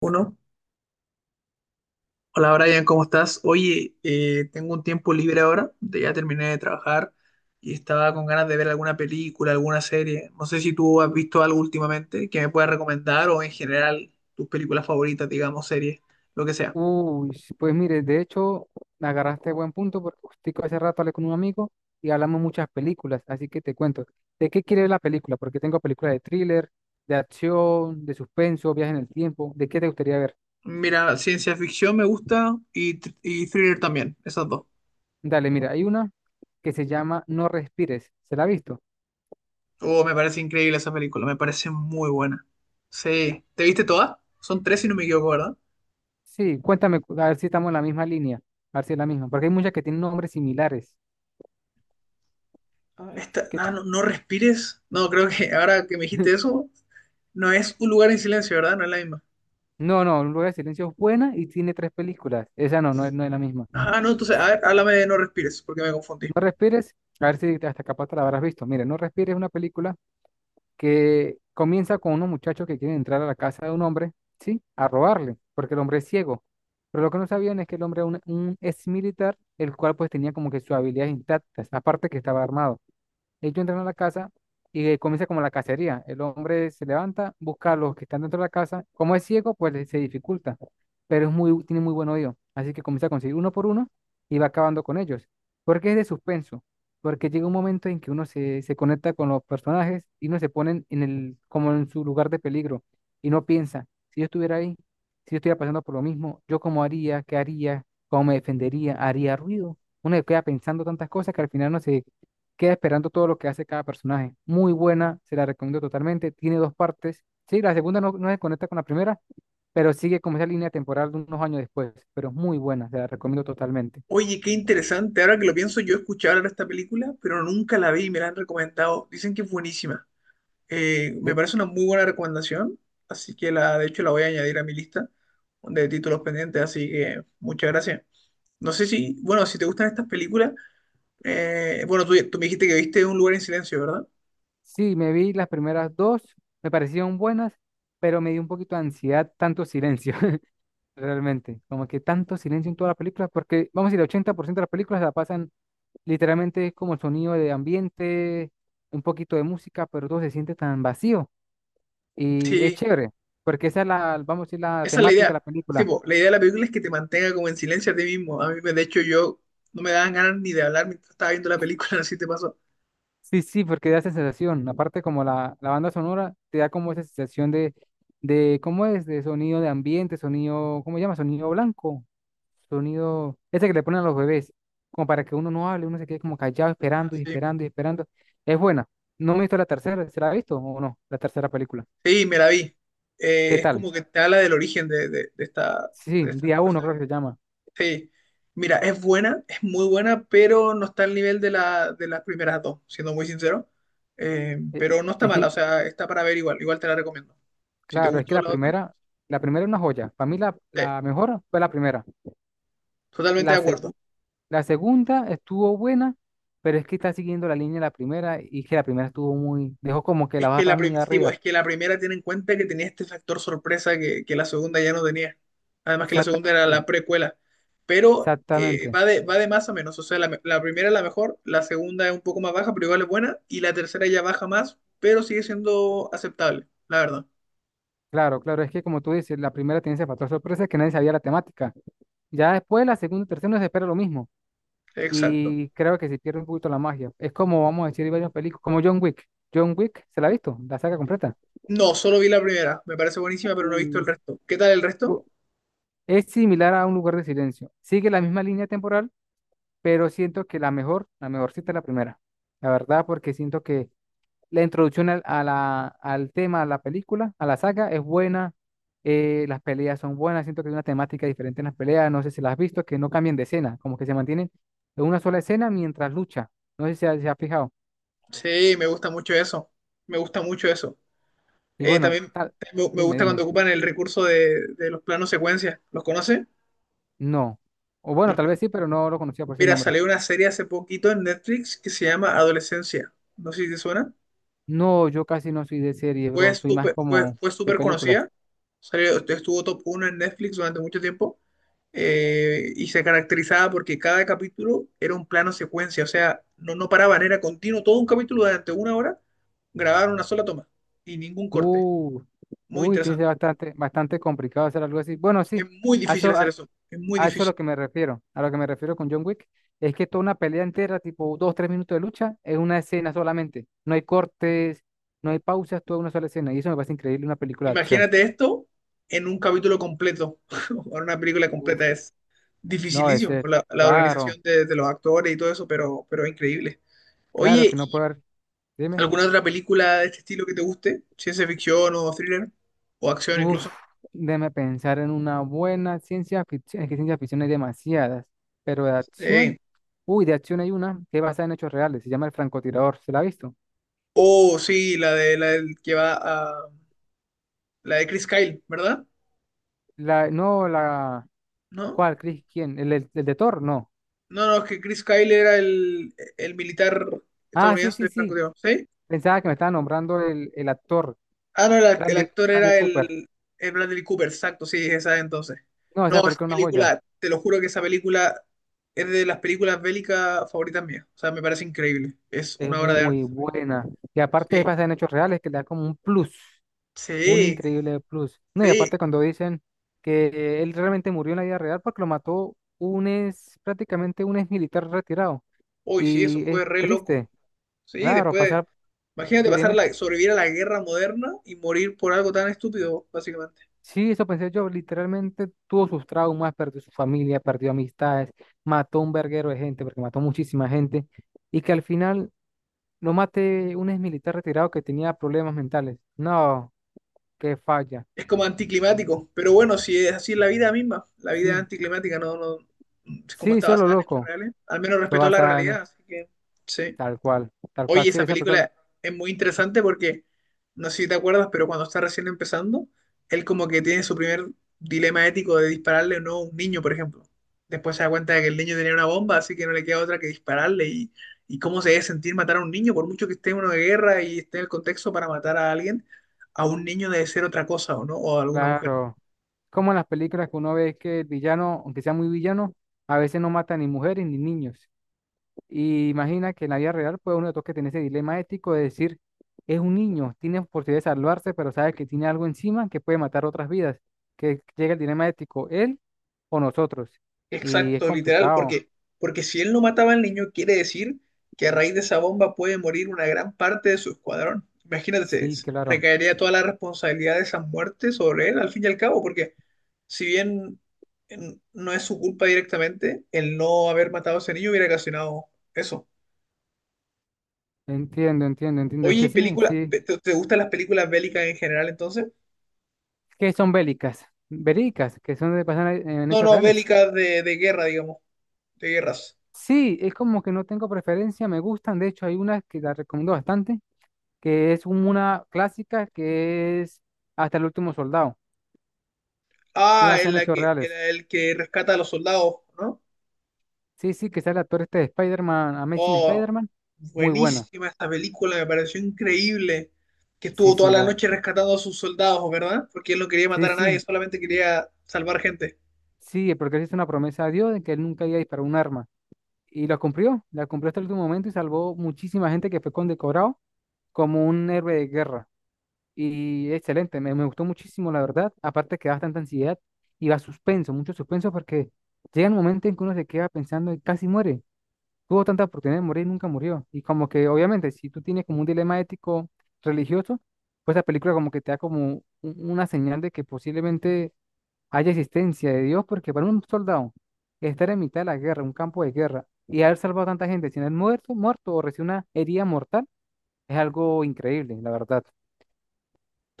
Uno, hola Brian, ¿cómo estás? Oye, tengo un tiempo libre ahora, ya terminé de trabajar y estaba con ganas de ver alguna película, alguna serie. No sé si tú has visto algo últimamente que me puedas recomendar o en general tus películas favoritas, digamos, series, lo que sea. Uy, sí, pues mire, de hecho, agarraste buen punto porque justico hace rato hablé con un amigo y hablamos muchas películas, así que te cuento. ¿De qué quiere la película? Porque tengo películas de thriller, de acción, de suspenso, viaje en el tiempo. ¿De qué te gustaría ver? Mira, ciencia ficción me gusta y thriller también, esas dos. Dale, mira, hay una que se llama No respires. ¿Se la ha visto? Oh, me parece increíble esa película, me parece muy buena. Sí, ¿te viste todas? Son tres si no me equivoco, ¿verdad? Sí, cuéntame, a ver si estamos en la misma línea, a ver si es la misma, porque hay muchas que tienen nombres similares. Esta, que- no, no, no respires. No, creo que ahora que me dijiste eso, no es un lugar en silencio, ¿verdad? No es la misma. No, no, Lugar de Silencio es buena y tiene tres películas. Esa no, no es la misma. Ah, no, entonces, a ver, háblame de No Respires, porque me confundí. No respires, a ver si hasta capaz te la habrás visto. Mire, No respires es una película que comienza con unos muchachos que quieren entrar a la casa de un hombre, ¿sí? A robarle, porque el hombre es ciego. Pero lo que no sabían es que el hombre era un ex militar, el cual pues tenía como que sus habilidades intactas, aparte que estaba armado. Ellos entran a la casa y comienza como la cacería. El hombre se levanta, busca a los que están dentro de la casa. Como es ciego, pues se dificulta, pero es muy, tiene muy buen oído. Así que comienza a conseguir uno por uno y va acabando con ellos. Porque es de suspenso, porque llega un momento en que uno se conecta con los personajes y uno se pone en el, como en su lugar de peligro y no piensa, si yo estuviera ahí, si yo estuviera pasando por lo mismo, yo cómo haría, qué haría, cómo me defendería, haría ruido. Uno se queda pensando tantas cosas que al final no se queda esperando todo lo que hace cada personaje. Muy buena, se la recomiendo totalmente. Tiene dos partes. Sí, la segunda no, no se conecta con la primera, pero sigue como esa línea temporal de unos años después. Pero es muy buena, se la recomiendo totalmente. Oye, qué interesante. Ahora que lo pienso, yo escuché hablar de esta película, pero nunca la vi y me la han recomendado. Dicen que es buenísima. Me De- parece una muy buena recomendación, así que de hecho la voy a añadir a mi lista de títulos pendientes, así que muchas gracias. No sé si, bueno, si te gustan estas películas, bueno, tú me dijiste que viste Un lugar en silencio, ¿verdad? sí, me vi las primeras dos, me parecieron buenas, pero me dio un poquito de ansiedad tanto silencio, realmente. Como que tanto silencio en toda la película, porque vamos a decir, el 80% de las películas la pasan literalmente es como el sonido de ambiente, un poquito de música, pero todo se siente tan vacío. Y es Sí. chévere, porque esa es la, vamos a decir, la Esa es la temática de la idea. Sí, película. po, la idea de la película es que te mantenga como en silencio a ti mismo. A mí, de hecho, yo no me daban ganas ni de hablar mientras estaba viendo la película, no sé si te pasó. Sí, sí, porque da esa sensación. Aparte, como la banda sonora, te da como esa sensación de, ¿cómo es? De sonido de ambiente, sonido, ¿cómo se llama? Sonido blanco, sonido, ese que le ponen a los bebés, como para que uno no hable, uno se quede como callado, Ah, esperando y sí. esperando y esperando. Es buena. No me he visto la tercera, ¿se la ha visto o no? La tercera película. Sí, me la vi. ¿Qué Es tal? como que te habla del origen Sí, de esta día fuerza uno creo que se alienígena. llama. Sí, mira, es buena, es muy buena, pero no está al nivel la, de las primeras dos, siendo muy sincero. Eh, Pero no está Es mala, que o sea, está para ver igual, igual te la recomiendo. Si te Claro, es que gustó la otra, la primera es una joya. Para mí la, sí, la mejor fue la primera. totalmente de La, acuerdo. segu- la segunda estuvo buena, pero es que está siguiendo la línea de la primera y que la primera estuvo muy, dejó como que la Es que barra muy sí, arriba. pues, es que la primera tiene en cuenta que tenía este factor sorpresa que la segunda ya no tenía. Además que la segunda era Exactamente, la precuela. Pero exactamente. Va de más a menos. O sea, la primera es la mejor, la segunda es un poco más baja, pero igual es buena. Y la tercera ya baja más, pero sigue siendo aceptable, la verdad. Claro, claro, es que como tú dices, la primera tiene ese factor sorpresa que nadie sabía la temática. Ya después la segunda y tercera no se espera lo mismo. Exacto. Y creo que se pierde un poquito la magia. Es como, vamos a decir, hay varias películas, como John Wick. John Wick, ¿se la ha visto? La saga completa. No, solo vi la primera. Me parece buenísima, pero no he visto el Uh, resto. ¿Qué tal el resto? Bu- Es similar a un lugar de silencio. Sigue la misma línea temporal, pero siento que la mejor, la mejorcita es la primera. La verdad, porque siento que la introducción al tema, a la película, a la saga, es buena. Las peleas son buenas. Siento que hay una temática diferente en las peleas. No sé si las has visto, que no cambian de escena, como que se mantienen en una sola escena mientras lucha. No sé si se ha fijado. Sí, me gusta mucho eso. Me gusta mucho eso. Y bueno, También tal, me dime, gusta cuando dime. ocupan el recurso de los planos secuencia. ¿Los conoce? No. O bueno, tal vez sí, pero no lo conocía por ese Mira, nombre. salió una serie hace poquito en Netflix que se llama Adolescencia. No sé si te suena. No, yo casi no soy de serie, bro. Soy más como Fue de súper películas. conocida. Salió, estuvo top 1 en Netflix durante mucho tiempo. Y se caracterizaba porque cada capítulo era un plano secuencia. O sea, no paraban, era continuo. Todo un capítulo durante una hora grabaron una sola toma y ningún corte. Uh, Muy uy, tiene que ser interesante. bastante complicado hacer algo así. Bueno, sí, Es muy a difícil eso, hacer a, eso. Es muy a eso es difícil. lo que me refiero. A lo que me refiero con John Wick es que toda una pelea entera, tipo dos, 3 minutos de lucha, es una escena solamente. No hay cortes, no hay pausas, toda una sola escena. Y eso me parece increíble, en una película de acción. Imagínate esto en un capítulo completo, o en una película Uf, completa. Es no, dificilísimo ese, la claro, organización de los actores y todo eso, pero es increíble. claro Oye, que no ¿y puede haber. Dime. alguna otra película de este estilo que te guste? Ciencia ficción o thriller, o acción Uf, incluso. déjame pensar en una buena ciencia ficción. Es que ciencia ficción hay demasiadas, pero de Eh, acción. Uy, de acción hay una que es basada en hechos reales. Se llama El francotirador. ¿Se la ha visto? oh, sí, la de la del que va a. La de Chris Kyle, ¿verdad? La, no, la. ¿No? ¿Cuál, Chris? ¿Quién? ¿El de Thor? No. No, no, es que Chris Kyle era el militar Ah, sí, estadounidense sí, de sí. francotirador. ¿Sí? Pensaba que me estaba nombrando el actor, Ah, no, el Randy, actor Randy era Cooper. El Bradley Cooper, exacto, sí, esa entonces. No, esa No, esa película es una joya. película, te lo juro que esa película es de las películas bélicas favoritas mías. O sea, me parece increíble. Es Es una obra de muy arte. buena. Y aparte es Sí, basada en hechos reales que le da como un plus. Un sí, increíble plus. No, y sí. aparte cuando dicen que él realmente murió en la vida real porque lo mató un ex, prácticamente un ex militar retirado. Hoy sí, eso Y es fue re loco. triste, Sí, claro, después, pasar, imagínate sí, pasar dime. la, sobrevivir a la guerra moderna y morir por algo tan estúpido, básicamente. Sí, eso pensé yo, literalmente tuvo sus traumas, perdió su familia, perdió amistades, mató un verguero de gente, porque mató muchísima gente, y que al final lo mate un ex militar retirado que tenía problemas mentales. No, qué falla. Es como anticlimático, pero bueno, si es así es la vida misma, la vida es Sí, anticlimática, no, no, es como sí, está solo basada en hechos loco. reales, al menos Fue respetó la basada en realidad, esto, así que sí. Tal Oye, cual, sí, esa esa película. película es muy interesante porque, no sé si te acuerdas, pero cuando está recién empezando, él como que tiene su primer dilema ético de dispararle o no a un niño, por ejemplo. Después se da cuenta de que el niño tenía una bomba, así que no le queda otra que dispararle. Y cómo se debe sentir matar a un niño, por mucho que esté en una guerra y esté en el contexto para matar a alguien, a un niño debe ser otra cosa, ¿o no? O a alguna mujer. Claro. Como en las películas que uno ve que el villano, aunque sea muy villano, a veces no mata ni mujeres ni niños. Y imagina que en la vida real, pues uno toca tener ese dilema ético de decir, es un niño, tiene posibilidad de salvarse, pero sabe que tiene algo encima que puede matar otras vidas. Que llega el dilema ético, él o nosotros. Y es Exacto, literal, complicado. porque, porque si él no mataba al niño, quiere decir que a raíz de esa bomba puede morir una gran parte de su escuadrón. Imagínate, Sí, claro. recaería toda la responsabilidad de esas muertes sobre él, al fin y al cabo, porque si bien no es su culpa directamente, el no haber matado a ese niño hubiera ocasionado eso. Entiendo, entiendo, entiendo. Es Oye, ¿y que sí, película, sí. Te gustan las películas bélicas en general entonces? Que son bélicas, bélicas que son de pasan en No, hechos no, reales. bélicas de guerra, digamos, de guerras. Sí, es como que no tengo preferencia, me gustan. De hecho, hay una que la recomiendo bastante, que es una clásica que es Hasta el último soldado, que Ah, basa en en la hechos que, en reales. el que rescata a los soldados, ¿no? Sí, sí, que sale el actor este de Spider-Man, Amazing Oh, Spider-Man. Muy buena. buenísima esta película, me pareció increíble que Sí, estuvo sí, toda la la, noche rescatando a sus soldados, ¿verdad? Porque él no quería sí, matar a nadie, sí, solamente quería salvar gente. sí, porque él hizo una promesa a Dios de que él nunca iba a disparar un arma. Y la cumplió hasta el último momento y salvó muchísima gente que fue condecorado como un héroe de guerra. Y excelente, me gustó muchísimo, la verdad. Aparte que da bastante ansiedad y va suspenso, mucho suspenso porque llega un momento en que uno se queda pensando y casi muere. Tuvo tanta oportunidad de morir, y nunca murió. Y como que obviamente si tú tienes como un dilema ético religioso, pues la película como que te da como una señal de que posiblemente haya existencia de Dios, porque para un soldado estar en mitad de la guerra, un campo de guerra, y haber salvado a tanta gente sin haber muerto, o recibir una herida mortal, es algo increíble, la verdad,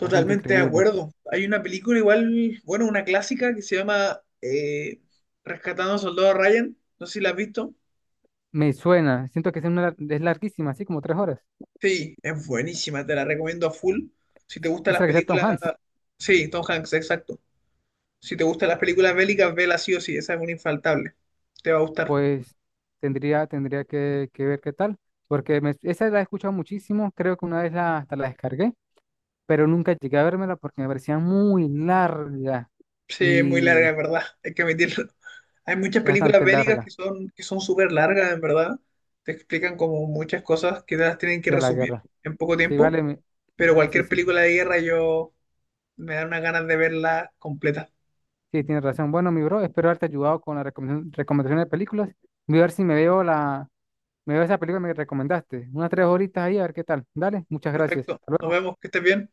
bastante de increíble. acuerdo. Hay una película igual, bueno, una clásica que se llama Rescatando a Soldado Ryan. No sé si la has visto. Me suena, siento que es, es larguísima, así como 3 horas. Sí, es buenísima, te la recomiendo a full. Si te gustan las Esa que sea Tom películas... Hanks, Sí, Tom Hanks, exacto. Si te gustan las películas bélicas, vela sí o sí, esa es una infaltable. Te va a gustar. pues que ver qué tal, porque esa la he escuchado muchísimo, creo que una vez la, hasta la descargué, pero nunca llegué a vérmela porque me parecía muy larga Sí, es muy larga, y en verdad, hay que admitirlo. Hay muchas películas bastante bélicas larga que son súper largas, en verdad. Te explican como muchas cosas que te las tienen que de la resumir guerra. en poco Sí, tiempo, vale, pero sí, cualquier sí, película de guerra yo me da unas ganas de verla completa. sí, tienes razón. Bueno, mi bro, espero haberte ayudado con la recomendación de películas. Voy a ver si me veo esa película que me recomendaste. Unas 3 horitas ahí, a ver qué tal. Dale, muchas gracias. Perfecto, Hasta nos luego. vemos, que estés bien.